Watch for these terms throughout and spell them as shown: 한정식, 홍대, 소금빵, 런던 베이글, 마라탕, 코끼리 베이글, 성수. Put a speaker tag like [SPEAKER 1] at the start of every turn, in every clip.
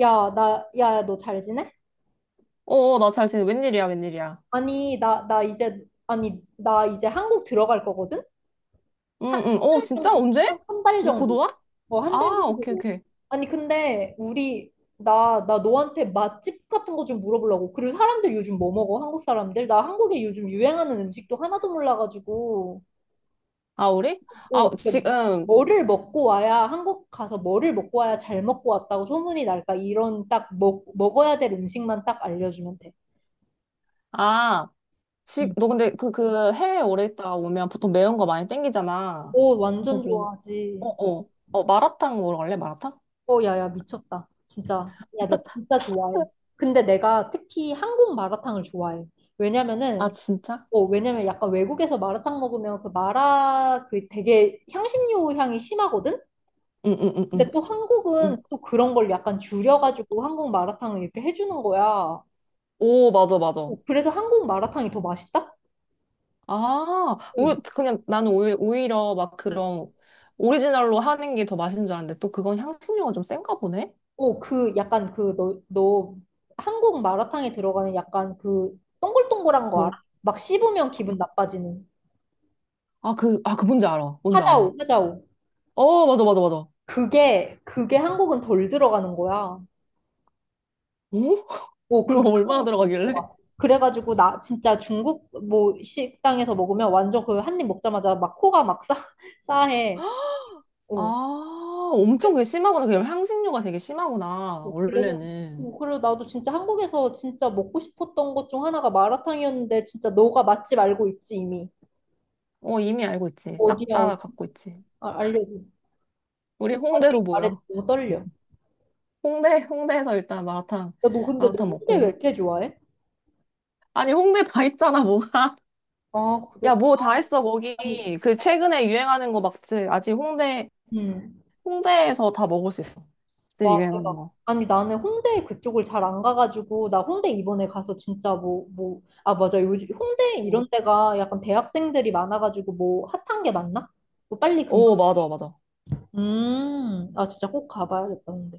[SPEAKER 1] 야, 야, 너 잘 지내?
[SPEAKER 2] 어, 어, 나 잘 지내. 웬일이야, 웬일이야.
[SPEAKER 1] 아니, 나 이제 한국 들어갈 거거든?
[SPEAKER 2] 응, 응. 어,
[SPEAKER 1] 한 달
[SPEAKER 2] 진짜?
[SPEAKER 1] 정도,
[SPEAKER 2] 언제?
[SPEAKER 1] 한 달
[SPEAKER 2] 이제 곧
[SPEAKER 1] 정도.
[SPEAKER 2] 와?
[SPEAKER 1] 어, 한 달
[SPEAKER 2] 아,
[SPEAKER 1] 정도.
[SPEAKER 2] 오케이, 오케이.
[SPEAKER 1] 아니, 근데, 나 너한테 맛집 같은 거 좀 물어보려고. 그리고 사람들 요즘 뭐 먹어? 한국 사람들? 나 한국에 요즘 유행하는 음식도 하나도 몰라가지고.
[SPEAKER 2] 아, 우리? 아,
[SPEAKER 1] 오 근데
[SPEAKER 2] 지금,
[SPEAKER 1] 한국 가서 뭐를 먹고 와야 잘 먹고 왔다고 소문이 날까? 이런 딱 먹어야 될 음식만 딱 알려주면 돼.
[SPEAKER 2] 아,
[SPEAKER 1] 응.
[SPEAKER 2] 너 근데 그 해외 오래 있다 오면 보통 매운 거 많이 땡기잖아.
[SPEAKER 1] 오,
[SPEAKER 2] 그래서
[SPEAKER 1] 완전
[SPEAKER 2] 뭐, 어,
[SPEAKER 1] 좋아하지.
[SPEAKER 2] 어. 어, 마라탕 먹으러 갈래? 마라탕?
[SPEAKER 1] 어, 야, 야, 미쳤다. 진짜. 야, 나 진짜 좋아해. 근데 내가 특히 한국 마라탕을 좋아해.
[SPEAKER 2] 아,
[SPEAKER 1] 왜냐면은,
[SPEAKER 2] 진짜?
[SPEAKER 1] 어, 왜냐면 약간 외국에서 마라탕 먹으면 그 마라 그 되게 향신료 향이 심하거든?
[SPEAKER 2] 응, 응, 응, 응.
[SPEAKER 1] 근데 또
[SPEAKER 2] 응.
[SPEAKER 1] 한국은 또 그런 걸 약간
[SPEAKER 2] 어,
[SPEAKER 1] 줄여가지고 한국 마라탕을 이렇게 해주는 거야. 어,
[SPEAKER 2] 오, 맞아, 맞아.
[SPEAKER 1] 그래서 한국 마라탕이 더 맛있다?
[SPEAKER 2] 아,
[SPEAKER 1] 어,
[SPEAKER 2] 우리, 그냥 나는 오히려 막
[SPEAKER 1] 어.
[SPEAKER 2] 그런 오리지널로 하는 게 더 맛있는 줄 알았는데 또 그건 향신료가 좀 센가 보네?
[SPEAKER 1] 오, 그 약간 그 너 한국 마라탕에 들어가는 약간 그 동글동글한 거
[SPEAKER 2] 뭐라?
[SPEAKER 1] 알아? 막 씹으면 기분 나빠지는
[SPEAKER 2] 그 뭔지 알아. 뭔지 알아.
[SPEAKER 1] 하자오, 하자오.
[SPEAKER 2] 어, 맞아, 맞아, 맞아. 어?
[SPEAKER 1] 그게 한국은 덜 들어가는 거야. 오,
[SPEAKER 2] 그럼
[SPEAKER 1] 그게
[SPEAKER 2] 얼마나
[SPEAKER 1] 한국은 덜
[SPEAKER 2] 들어가길래?
[SPEAKER 1] 들어가. 그래가지고 나 진짜 중국 뭐 식당에서 먹으면 완전 그 한 입 먹자마자 막 코가 막 싸해. 오.
[SPEAKER 2] 아, 엄청
[SPEAKER 1] 그래서
[SPEAKER 2] 그게 심하구나. 그럼 향신료가 되게 심하구나.
[SPEAKER 1] 그래서
[SPEAKER 2] 원래는.
[SPEAKER 1] 오, 그리고 나도 진짜 한국에서 진짜 먹고 싶었던 것 중 하나가 마라탕이었는데 진짜 너가 맛집 알고 있지 이미.
[SPEAKER 2] 어, 이미 알고 있지. 싹
[SPEAKER 1] 어디야, 어디야.
[SPEAKER 2] 다 갖고 있지.
[SPEAKER 1] 아, 알려줘.
[SPEAKER 2] 우리
[SPEAKER 1] 더 자세히
[SPEAKER 2] 홍대로
[SPEAKER 1] 말해줘.
[SPEAKER 2] 모여.
[SPEAKER 1] 너무 떨려. 야,
[SPEAKER 2] 홍대에서 일단 마라탕,
[SPEAKER 1] 너 근데 너
[SPEAKER 2] 마라탕
[SPEAKER 1] 홍대 왜
[SPEAKER 2] 먹고.
[SPEAKER 1] 이렇게 좋아해?
[SPEAKER 2] 아니, 홍대 다 있잖아, 뭐가.
[SPEAKER 1] 아, 그래?
[SPEAKER 2] 야, 뭐 다 했어, 거기.
[SPEAKER 1] 아니,
[SPEAKER 2] 그 최근에 유행하는 거 막지.
[SPEAKER 1] 음.
[SPEAKER 2] 홍대에서 다 먹을 수 있어. 지금
[SPEAKER 1] 와,
[SPEAKER 2] 유행하는
[SPEAKER 1] 대박.
[SPEAKER 2] 거.
[SPEAKER 1] 아니, 나는 홍대 그쪽을 잘 안 가가지고, 나 홍대 이번에 가서 진짜 아, 맞아. 요즘 홍대
[SPEAKER 2] 응.
[SPEAKER 1] 이런 데가 약간 대학생들이 많아가지고, 뭐, 핫한 게 맞나? 뭐, 빨리 금,
[SPEAKER 2] 오, 맞아, 맞아.
[SPEAKER 1] 아, 진짜 꼭 가봐야겠다, 근데.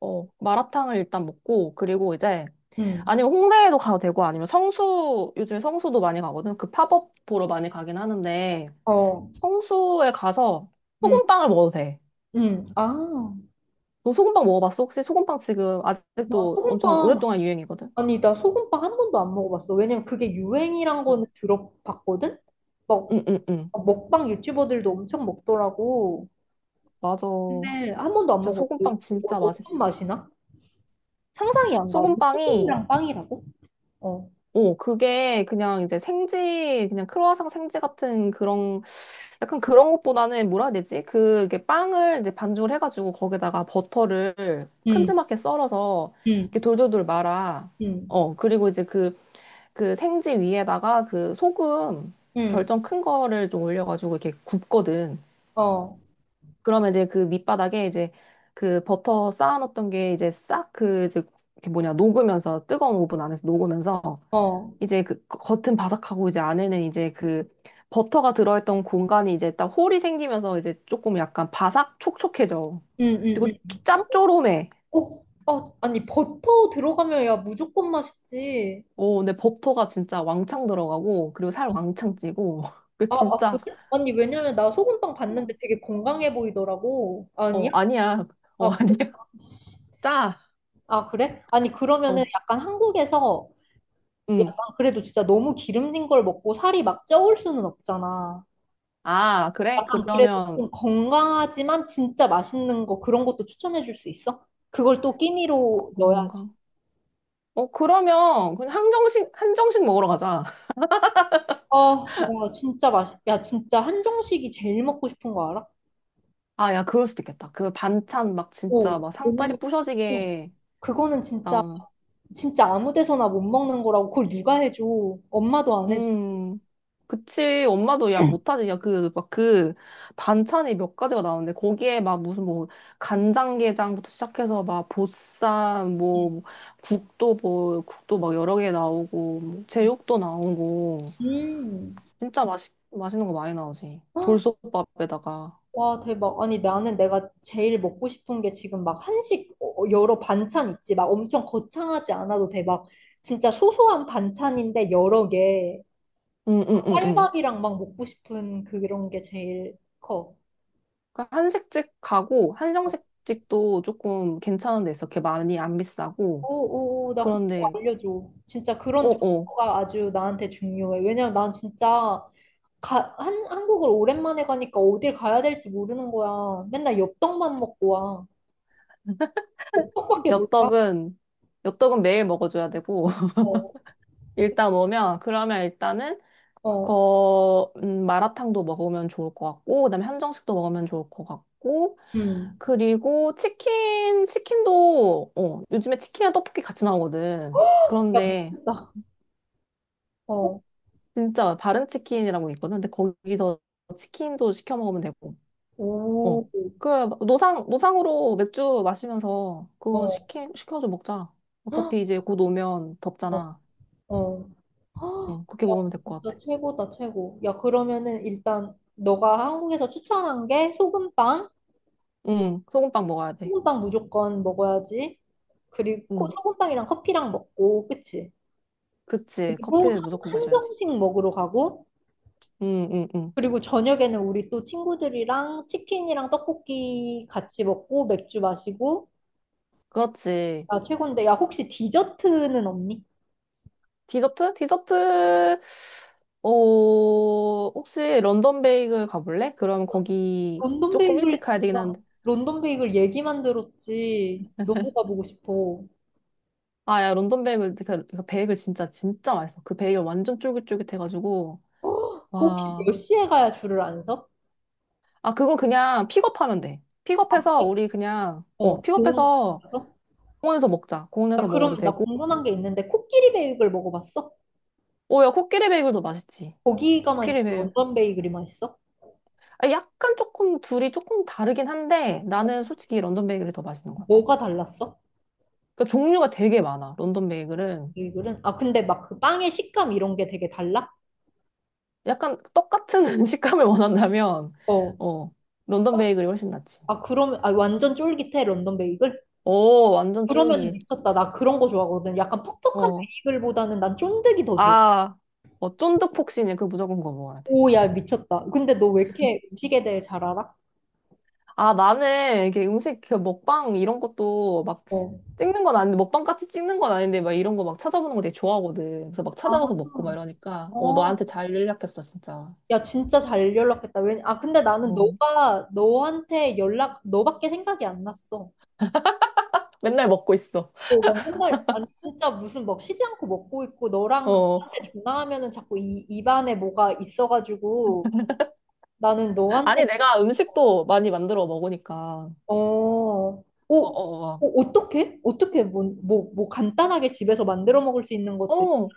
[SPEAKER 2] 어, 마라탕을 일단 먹고, 그리고 이제,
[SPEAKER 1] 음,
[SPEAKER 2] 아니면 홍대에도 가도 되고, 아니면 성수, 요즘에 성수도 많이 가거든. 그 팝업 보러 많이 가긴 하는데,
[SPEAKER 1] 어,
[SPEAKER 2] 성수에 가서
[SPEAKER 1] 음,
[SPEAKER 2] 소금빵을 먹어도 돼.
[SPEAKER 1] 아,
[SPEAKER 2] 너 소금빵 먹어봤어? 혹시 소금빵 지금
[SPEAKER 1] 나
[SPEAKER 2] 아직도 엄청
[SPEAKER 1] 소금빵
[SPEAKER 2] 오랫동안 유행이거든?
[SPEAKER 1] 아니, 나 소금빵 한 번도 안 먹어봤어. 왜냐면 그게 유행이란
[SPEAKER 2] 어.
[SPEAKER 1] 거는 들어봤거든? 막,
[SPEAKER 2] 응, 응, 응.
[SPEAKER 1] 먹방 유튜버들도 엄청 먹더라고.
[SPEAKER 2] 맞아.
[SPEAKER 1] 근데 한 번도 안
[SPEAKER 2] 진짜
[SPEAKER 1] 먹었어.
[SPEAKER 2] 소금빵
[SPEAKER 1] 어,
[SPEAKER 2] 진짜
[SPEAKER 1] 어떤
[SPEAKER 2] 맛있어.
[SPEAKER 1] 맛이나? 상상이 안 가.
[SPEAKER 2] 소금빵이
[SPEAKER 1] 소금이랑 빵이라고? 어.
[SPEAKER 2] 오, 그게 그냥 이제 생지, 그냥 크루아상 생지 같은 그런, 약간 그런 것보다는 뭐라 해야 되지? 그, 게 빵을 이제 반죽을 해가지고 거기다가 버터를
[SPEAKER 1] 응,
[SPEAKER 2] 큼지막하게 썰어서
[SPEAKER 1] 응,
[SPEAKER 2] 이렇게 돌돌돌 말아.
[SPEAKER 1] 응,
[SPEAKER 2] 어, 그리고 이제 그, 그 생지 위에다가 그 소금
[SPEAKER 1] 응,
[SPEAKER 2] 결정 큰 거를 좀 올려가지고 이렇게 굽거든.
[SPEAKER 1] 어,
[SPEAKER 2] 그러면 이제 그 밑바닥에 이제 그 버터 쌓아놨던 게 이제 싹 그 이제 이렇게 뭐냐, 녹으면서 뜨거운 오븐 안에서 녹으면서
[SPEAKER 1] 어,
[SPEAKER 2] 이제 그 겉은 바삭하고 이제 안에는 이제 그 버터가 들어있던 공간이 이제 딱 홀이 생기면서 이제 조금 약간 바삭 촉촉해져.
[SPEAKER 1] 응, 응,
[SPEAKER 2] 그리고
[SPEAKER 1] 응.
[SPEAKER 2] 짭조름해.
[SPEAKER 1] 어, 아, 아니, 버터 들어가면 야, 무조건 맛있지.
[SPEAKER 2] 오, 근데 버터가 진짜 왕창 들어가고 그리고 살 왕창 찌고 그
[SPEAKER 1] 아, 아, 그래?
[SPEAKER 2] 진짜
[SPEAKER 1] 아니, 왜냐면 나 소금빵 봤는데 되게 건강해 보이더라고.
[SPEAKER 2] 어
[SPEAKER 1] 아니야?
[SPEAKER 2] 아니야. 어
[SPEAKER 1] 아, 그래?
[SPEAKER 2] 아니야. 짜.
[SPEAKER 1] 아, 그래? 아니, 그러면은
[SPEAKER 2] 어.
[SPEAKER 1] 약간 한국에서
[SPEAKER 2] 응.
[SPEAKER 1] 약간 그래도 진짜 너무 기름진 걸 먹고 살이 막 쪄올 수는 없잖아.
[SPEAKER 2] 아, 그래?
[SPEAKER 1] 약간 그래도
[SPEAKER 2] 그러면
[SPEAKER 1] 좀 건강하지만 진짜 맛있는 거 그런 것도 추천해 줄 수 있어? 그걸 또 끼니로 넣어야지.
[SPEAKER 2] 건강. 어, 그러면 그냥 한정식 먹으러 가자.
[SPEAKER 1] 아, 야, 진짜 맛있, 야, 진짜 한정식이 제일 먹고 싶은 거 알아?
[SPEAKER 2] 아, 야, 그럴 수도 있겠다. 그 반찬 막 진짜
[SPEAKER 1] 오,
[SPEAKER 2] 막
[SPEAKER 1] 왜냐면
[SPEAKER 2] 상다리
[SPEAKER 1] 또
[SPEAKER 2] 부셔지게
[SPEAKER 1] 그거는 진짜,
[SPEAKER 2] 나오는
[SPEAKER 1] 진짜 아무 데서나 못 먹는 거라고 그걸 누가 해줘. 엄마도 안 해줘.
[SPEAKER 2] 음, 그치. 엄마도 야, 못하지. 야, 그, 막 그, 반찬이 몇 가지가 나오는데, 거기에 막 무슨 뭐, 간장게장부터 시작해서 막, 보쌈, 뭐, 국도 뭐, 국도 막 여러 개 나오고, 뭐 제육도 나오고,
[SPEAKER 1] 음.
[SPEAKER 2] 진짜 맛있, 맛있는 거 많이 나오지. 돌솥밥에다가.
[SPEAKER 1] 와, 대박. 아니, 나는 내가 제일 먹고 싶은 게 지금 막 한식 어, 어, 여러 반찬 있지. 막 엄청 거창하지 않아도 돼. 막 진짜 소소한 반찬인데 여러 개.
[SPEAKER 2] 응, 응,
[SPEAKER 1] 막
[SPEAKER 2] 응, 응.
[SPEAKER 1] 쌀밥이랑 막 먹고 싶은 그런 게 제일 커.
[SPEAKER 2] 그러니까 한식집 가고, 한정식집도 조금 괜찮은 데 있어. 이렇게 많이 안 비싸고,
[SPEAKER 1] 오, 오, 오, 나 그거
[SPEAKER 2] 그런데,
[SPEAKER 1] 알려줘. 진짜 그런
[SPEAKER 2] 어어.
[SPEAKER 1] 정보가 아주 나한테 중요해. 왜냐면 난 진짜 한국을 오랜만에 가니까 어딜 가야 될지 모르는 거야. 맨날 엽떡만 먹고 와. 엽떡밖에 몰라.
[SPEAKER 2] 엽떡은 엽떡은 매일 먹어줘야 되고
[SPEAKER 1] 어,
[SPEAKER 2] 일단 오면 그러면 일단은
[SPEAKER 1] 어,
[SPEAKER 2] 거 마라탕도 먹으면 좋을 것 같고 그다음에 한정식도 먹으면 좋을 것 같고
[SPEAKER 1] 음.
[SPEAKER 2] 그리고 치킨도 어 요즘에 치킨이랑 떡볶이 같이 나오거든
[SPEAKER 1] 야,
[SPEAKER 2] 그런데
[SPEAKER 1] 미쳤다. 어,
[SPEAKER 2] 진짜 바른 치킨이라고 있거든 근데 거기서 치킨도 시켜 먹으면 되고 어
[SPEAKER 1] 오,
[SPEAKER 2] 그 노상으로 맥주 마시면서 그거
[SPEAKER 1] 어,
[SPEAKER 2] 시키 시켜서 먹자
[SPEAKER 1] 헉,
[SPEAKER 2] 어차피 이제 곧 오면
[SPEAKER 1] 어,
[SPEAKER 2] 덥잖아
[SPEAKER 1] 어. 헉,
[SPEAKER 2] 응, 그렇게
[SPEAKER 1] 야,
[SPEAKER 2] 먹으면 될 것
[SPEAKER 1] 진짜
[SPEAKER 2] 같아.
[SPEAKER 1] 최고다, 최고. 야, 그러면은 일단 너가 한국에서 추천한 게 소금빵?
[SPEAKER 2] 응, 소금빵 먹어야 돼.
[SPEAKER 1] 소금빵 무조건 먹어야지. 그리고 코-
[SPEAKER 2] 응,
[SPEAKER 1] 소금빵이랑 커피랑 먹고, 그치?
[SPEAKER 2] 그치.
[SPEAKER 1] 그리고 한-
[SPEAKER 2] 커피는 무조건 마셔야지.
[SPEAKER 1] 한정식 먹으러 가고,
[SPEAKER 2] 응, 응, 응.
[SPEAKER 1] 그리고 저녁에는 우리 또 친구들이랑 치킨이랑 떡볶이 같이 먹고, 맥주 마시고,
[SPEAKER 2] 그렇지.
[SPEAKER 1] 아, 최고인데. 야, 혹시 디저트는 없니?
[SPEAKER 2] 디저트? 디저트, 어, 혹시 런던 베이글 가볼래? 그럼 거기
[SPEAKER 1] 런던
[SPEAKER 2] 조금
[SPEAKER 1] 베이글
[SPEAKER 2] 일찍 가야 되긴
[SPEAKER 1] 진짜
[SPEAKER 2] 한데.
[SPEAKER 1] 런던 베이글 얘기만 들었지 너무 가보고 싶어.
[SPEAKER 2] 아, 야, 런던 베이글, 그, 그 베이글 진짜, 진짜 맛있어. 그 베이글 완전 쫄깃쫄깃해가지고.
[SPEAKER 1] 어, 그 혹시 몇
[SPEAKER 2] 와.
[SPEAKER 1] 시에 가야 줄을 안 서?
[SPEAKER 2] 아, 그거 그냥 픽업하면 돼. 픽업해서 우리 그냥,
[SPEAKER 1] 어,
[SPEAKER 2] 어,
[SPEAKER 1] 공원 같은
[SPEAKER 2] 픽업해서
[SPEAKER 1] 데서?
[SPEAKER 2] 공원에서 먹자.
[SPEAKER 1] 야,
[SPEAKER 2] 공원에서 먹어도
[SPEAKER 1] 그럼 나
[SPEAKER 2] 되고.
[SPEAKER 1] 궁금한 게 있는데 코끼리 베이글 먹어봤어?
[SPEAKER 2] 오, 야, 코끼리 베이글도 맛있지.
[SPEAKER 1] 거기가 맛있어?
[SPEAKER 2] 코끼리배.
[SPEAKER 1] 런던 베이글이 맛있어?
[SPEAKER 2] 아, 약간 조금 둘이 조금 다르긴 한데 나는 솔직히 런던 베이글이 더 맛있는 것 같아.
[SPEAKER 1] 뭐가 달랐어?
[SPEAKER 2] 그러니까 종류가 되게 많아. 런던 베이글은
[SPEAKER 1] 베이글은? 아 근데 막 그 빵의 식감 이런 게 되게 달라?
[SPEAKER 2] 약간 똑같은 식감을 원한다면
[SPEAKER 1] 어.
[SPEAKER 2] 어 런던 베이글이 훨씬 낫지.
[SPEAKER 1] 아 그러면 아 완전 쫄깃해 런던 베이글?
[SPEAKER 2] 오 완전
[SPEAKER 1] 그러면
[SPEAKER 2] 쫄깃.
[SPEAKER 1] 미쳤다. 나 그런 거 좋아하거든. 약간 퍽퍽한
[SPEAKER 2] 어.
[SPEAKER 1] 베이글보다는 난 쫀득이 더 좋아.
[SPEAKER 2] 아, 어, 쫀득폭신이야. 그 무조건 그거 먹어야 돼.
[SPEAKER 1] 오, 야, 미쳤다. 근데 너 왜 이렇게 음식에 대해 잘 알아?
[SPEAKER 2] 아, 나는 이게 음식 그 먹방 이런 것도 막
[SPEAKER 1] 어.
[SPEAKER 2] 찍는 건 아닌데 먹방 같이 찍는 건 아닌데 막 이런 거 막 찾아보는 거 되게 좋아하거든. 그래서 막
[SPEAKER 1] 아,
[SPEAKER 2] 찾아가서 먹고 막 이러니까 어
[SPEAKER 1] 어.
[SPEAKER 2] 너한테 잘 연락했어 진짜.
[SPEAKER 1] 야, 진짜 잘 연락했다. 왜, 아, 근데 나는
[SPEAKER 2] 어,
[SPEAKER 1] 너가, 너한테 연락, 너밖에 생각이 안 났어.
[SPEAKER 2] 맨날 먹고 있어.
[SPEAKER 1] 어, 막 맨날, 아니, 진짜 무슨 막 쉬지 않고 먹고 있고, 너랑,
[SPEAKER 2] 어.
[SPEAKER 1] 너한테 전화하면은 자꾸 입안에 뭐가 있어가지고, 나는 너한테,
[SPEAKER 2] 아니, 내가 음식도 많이 만들어 먹으니까.
[SPEAKER 1] 어, 어,
[SPEAKER 2] 어,
[SPEAKER 1] 어,
[SPEAKER 2] 어,
[SPEAKER 1] 어떻게? 어떻게, 뭐 간단하게 집에서 만들어 먹을 수 있는
[SPEAKER 2] 어.
[SPEAKER 1] 것들,
[SPEAKER 2] 어.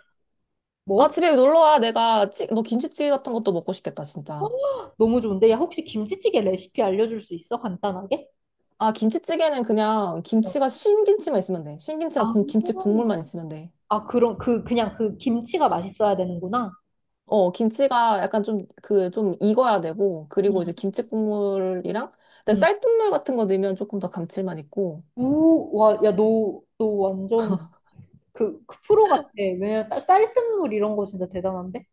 [SPEAKER 2] 아,
[SPEAKER 1] 뭐?
[SPEAKER 2] 집에 놀러 와. 너 김치찌개 같은 것도 먹고 싶겠다, 진짜.
[SPEAKER 1] 너무 좋은데? 야, 혹시 김치찌개 레시피 알려줄 수 있어? 간단하게?
[SPEAKER 2] 아, 김치찌개는 그냥
[SPEAKER 1] 어.
[SPEAKER 2] 김치가 신김치만 있으면 돼. 신김치랑
[SPEAKER 1] 아,
[SPEAKER 2] 김치 국물만 있으면 돼.
[SPEAKER 1] 아, 그럼 그 그냥 그 김치가 맛있어야 되는구나.
[SPEAKER 2] 어, 김치가 약간 좀, 그, 좀 익어야 되고, 그리고 이제 김치 국물이랑, 근데
[SPEAKER 1] 응.
[SPEAKER 2] 쌀뜨물 같은 거 넣으면 조금 더 감칠맛 있고,
[SPEAKER 1] 오, 와, 야, 너 완전 그 프로 같아. 왜냐면 쌀뜨물 이런 거 진짜 대단한데?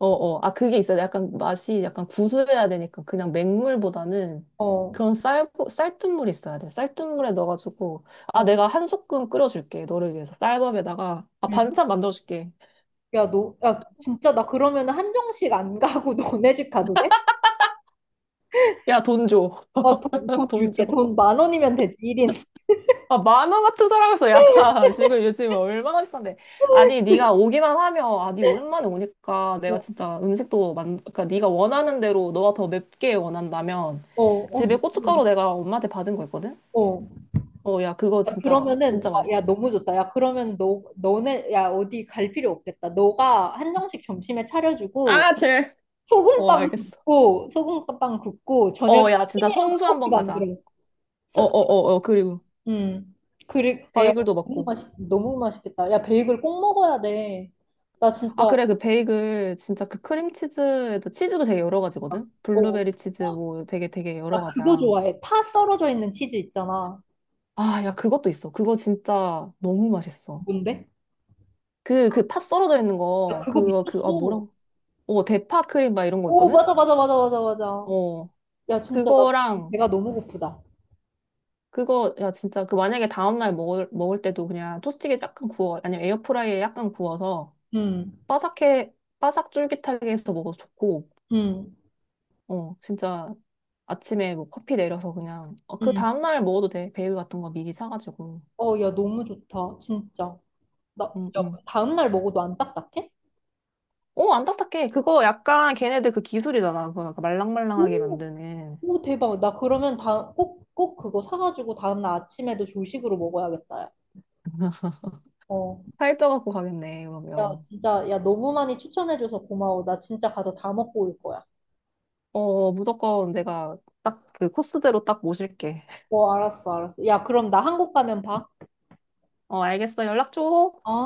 [SPEAKER 2] 어어. 아, 그게 있어요. 약간 맛이 약간 구수해야 되니까 그냥 맹물보다는
[SPEAKER 1] 어,
[SPEAKER 2] 그런 쌀, 쌀뜨물이 있어야 돼. 쌀뜨물에 넣어가지고, 아,
[SPEAKER 1] 어,
[SPEAKER 2] 내가 한 소끔 끓여줄게. 너를 위해서. 쌀밥에다가. 아,
[SPEAKER 1] 응.
[SPEAKER 2] 반찬 만들어줄게.
[SPEAKER 1] 야, 너, 야, 진짜 나 그러면 한정식 안 가고 너네 집 가도 돼?
[SPEAKER 2] 야, 돈 줘.
[SPEAKER 1] 어, 돈, 돈
[SPEAKER 2] 돈 줘.
[SPEAKER 1] 줄게. 돈 만 원이면 되지, 1인.
[SPEAKER 2] 아, 10,000원 같은 사람에서 야, 지금 요즘 얼마나 비싼데. 아니, 네가 오기만 하면, 아, 네 오랜만에 오니까 내가
[SPEAKER 1] 어,
[SPEAKER 2] 진짜 음식도 만, 그러니까 네가 원하는 대로 너가 더 맵게 원한다면
[SPEAKER 1] 어,
[SPEAKER 2] 집에
[SPEAKER 1] 어,
[SPEAKER 2] 고춧가루 내가 엄마한테 받은 거 있거든?
[SPEAKER 1] 어.
[SPEAKER 2] 어, 야, 그거
[SPEAKER 1] 야,
[SPEAKER 2] 진짜,
[SPEAKER 1] 그러면은
[SPEAKER 2] 진짜
[SPEAKER 1] 어, 야
[SPEAKER 2] 맛있어.
[SPEAKER 1] 너무 좋다. 야 그러면 너 너네 야 어디 갈 필요 없겠다. 너가 한정식 점심에 차려주고
[SPEAKER 2] 아, 젤. 어,
[SPEAKER 1] 소금빵
[SPEAKER 2] 알겠어.
[SPEAKER 1] 굽고 소금빵 굽고 저녁에
[SPEAKER 2] 어, 야, 진짜
[SPEAKER 1] 튀김이랑
[SPEAKER 2] 성수
[SPEAKER 1] 떡볶이
[SPEAKER 2] 한번 가자.
[SPEAKER 1] 만들어.
[SPEAKER 2] 어,
[SPEAKER 1] 서-
[SPEAKER 2] 어, 어, 어, 그리고
[SPEAKER 1] 음 그리고 아야
[SPEAKER 2] 베이글도
[SPEAKER 1] 너무
[SPEAKER 2] 먹고.
[SPEAKER 1] 맛있 너무 맛있겠다. 야 베이글 꼭 먹어야 돼. 나
[SPEAKER 2] 아,
[SPEAKER 1] 진짜
[SPEAKER 2] 그래, 그 베이글, 진짜 그 크림치즈에도 치즈도 되게 여러 가지거든?
[SPEAKER 1] 어나
[SPEAKER 2] 블루베리 치즈 뭐 되게 되게 여러
[SPEAKER 1] 그거
[SPEAKER 2] 가지야.
[SPEAKER 1] 좋아해. 파 썰어져 있는 치즈 있잖아.
[SPEAKER 2] 아, 야, 그것도 있어. 그거 진짜 너무 맛있어.
[SPEAKER 1] 뭔데?
[SPEAKER 2] 그, 그 팥 썰어져 있는
[SPEAKER 1] 야
[SPEAKER 2] 거,
[SPEAKER 1] 그거
[SPEAKER 2] 그거, 그, 아,
[SPEAKER 1] 미쳤어.
[SPEAKER 2] 뭐라고? 어, 대파 크림 막 이런 거
[SPEAKER 1] 오
[SPEAKER 2] 있거든?
[SPEAKER 1] 맞아 맞아 맞아 맞아 맞아.
[SPEAKER 2] 어,
[SPEAKER 1] 야 진짜 나
[SPEAKER 2] 그거랑
[SPEAKER 1] 배가 너무 고프다.
[SPEAKER 2] 그거, 야, 진짜, 그 만약에 다음날 먹을, 먹을 때도 그냥 토스트기에 약간 구워, 아니면 에어프라이에 약간 구워서
[SPEAKER 1] 음.
[SPEAKER 2] 바삭해, 바삭 쫄깃하게 해서 먹어도 좋고,
[SPEAKER 1] 응,
[SPEAKER 2] 어, 진짜 아침에 뭐 커피 내려서 그냥, 어, 그
[SPEAKER 1] 응.
[SPEAKER 2] 다음날 먹어도 돼. 베일 같은 거 미리 사가지고.
[SPEAKER 1] 어, 야, 너무 좋다. 진짜. 나,
[SPEAKER 2] 응,
[SPEAKER 1] 야,
[SPEAKER 2] 응.
[SPEAKER 1] 다음날 먹어도 안 딱딱해?
[SPEAKER 2] 오, 안 딱딱해. 그거 약간 걔네들 그 기술이잖아. 그 약간 말랑말랑하게
[SPEAKER 1] 오,
[SPEAKER 2] 만드는.
[SPEAKER 1] 오, 대박. 나 그러면 다, 꼭, 꼭 그거 사가지고 다음날 아침에도 조식으로 먹어야겠다. 야. 어.
[SPEAKER 2] 살쪄갖고 가겠네,
[SPEAKER 1] 야,
[SPEAKER 2] 그러면.
[SPEAKER 1] 진짜, 야, 너무 많이 추천해줘서 고마워. 나 진짜 가서 다 먹고 올 거야.
[SPEAKER 2] 어, 어, 무조건 내가 딱 그 코스대로 딱 모실게.
[SPEAKER 1] 어, 알았어, 알았어. 야, 그럼 나 한국 가면 봐.
[SPEAKER 2] 어, 알겠어. 연락 줘.
[SPEAKER 1] 어?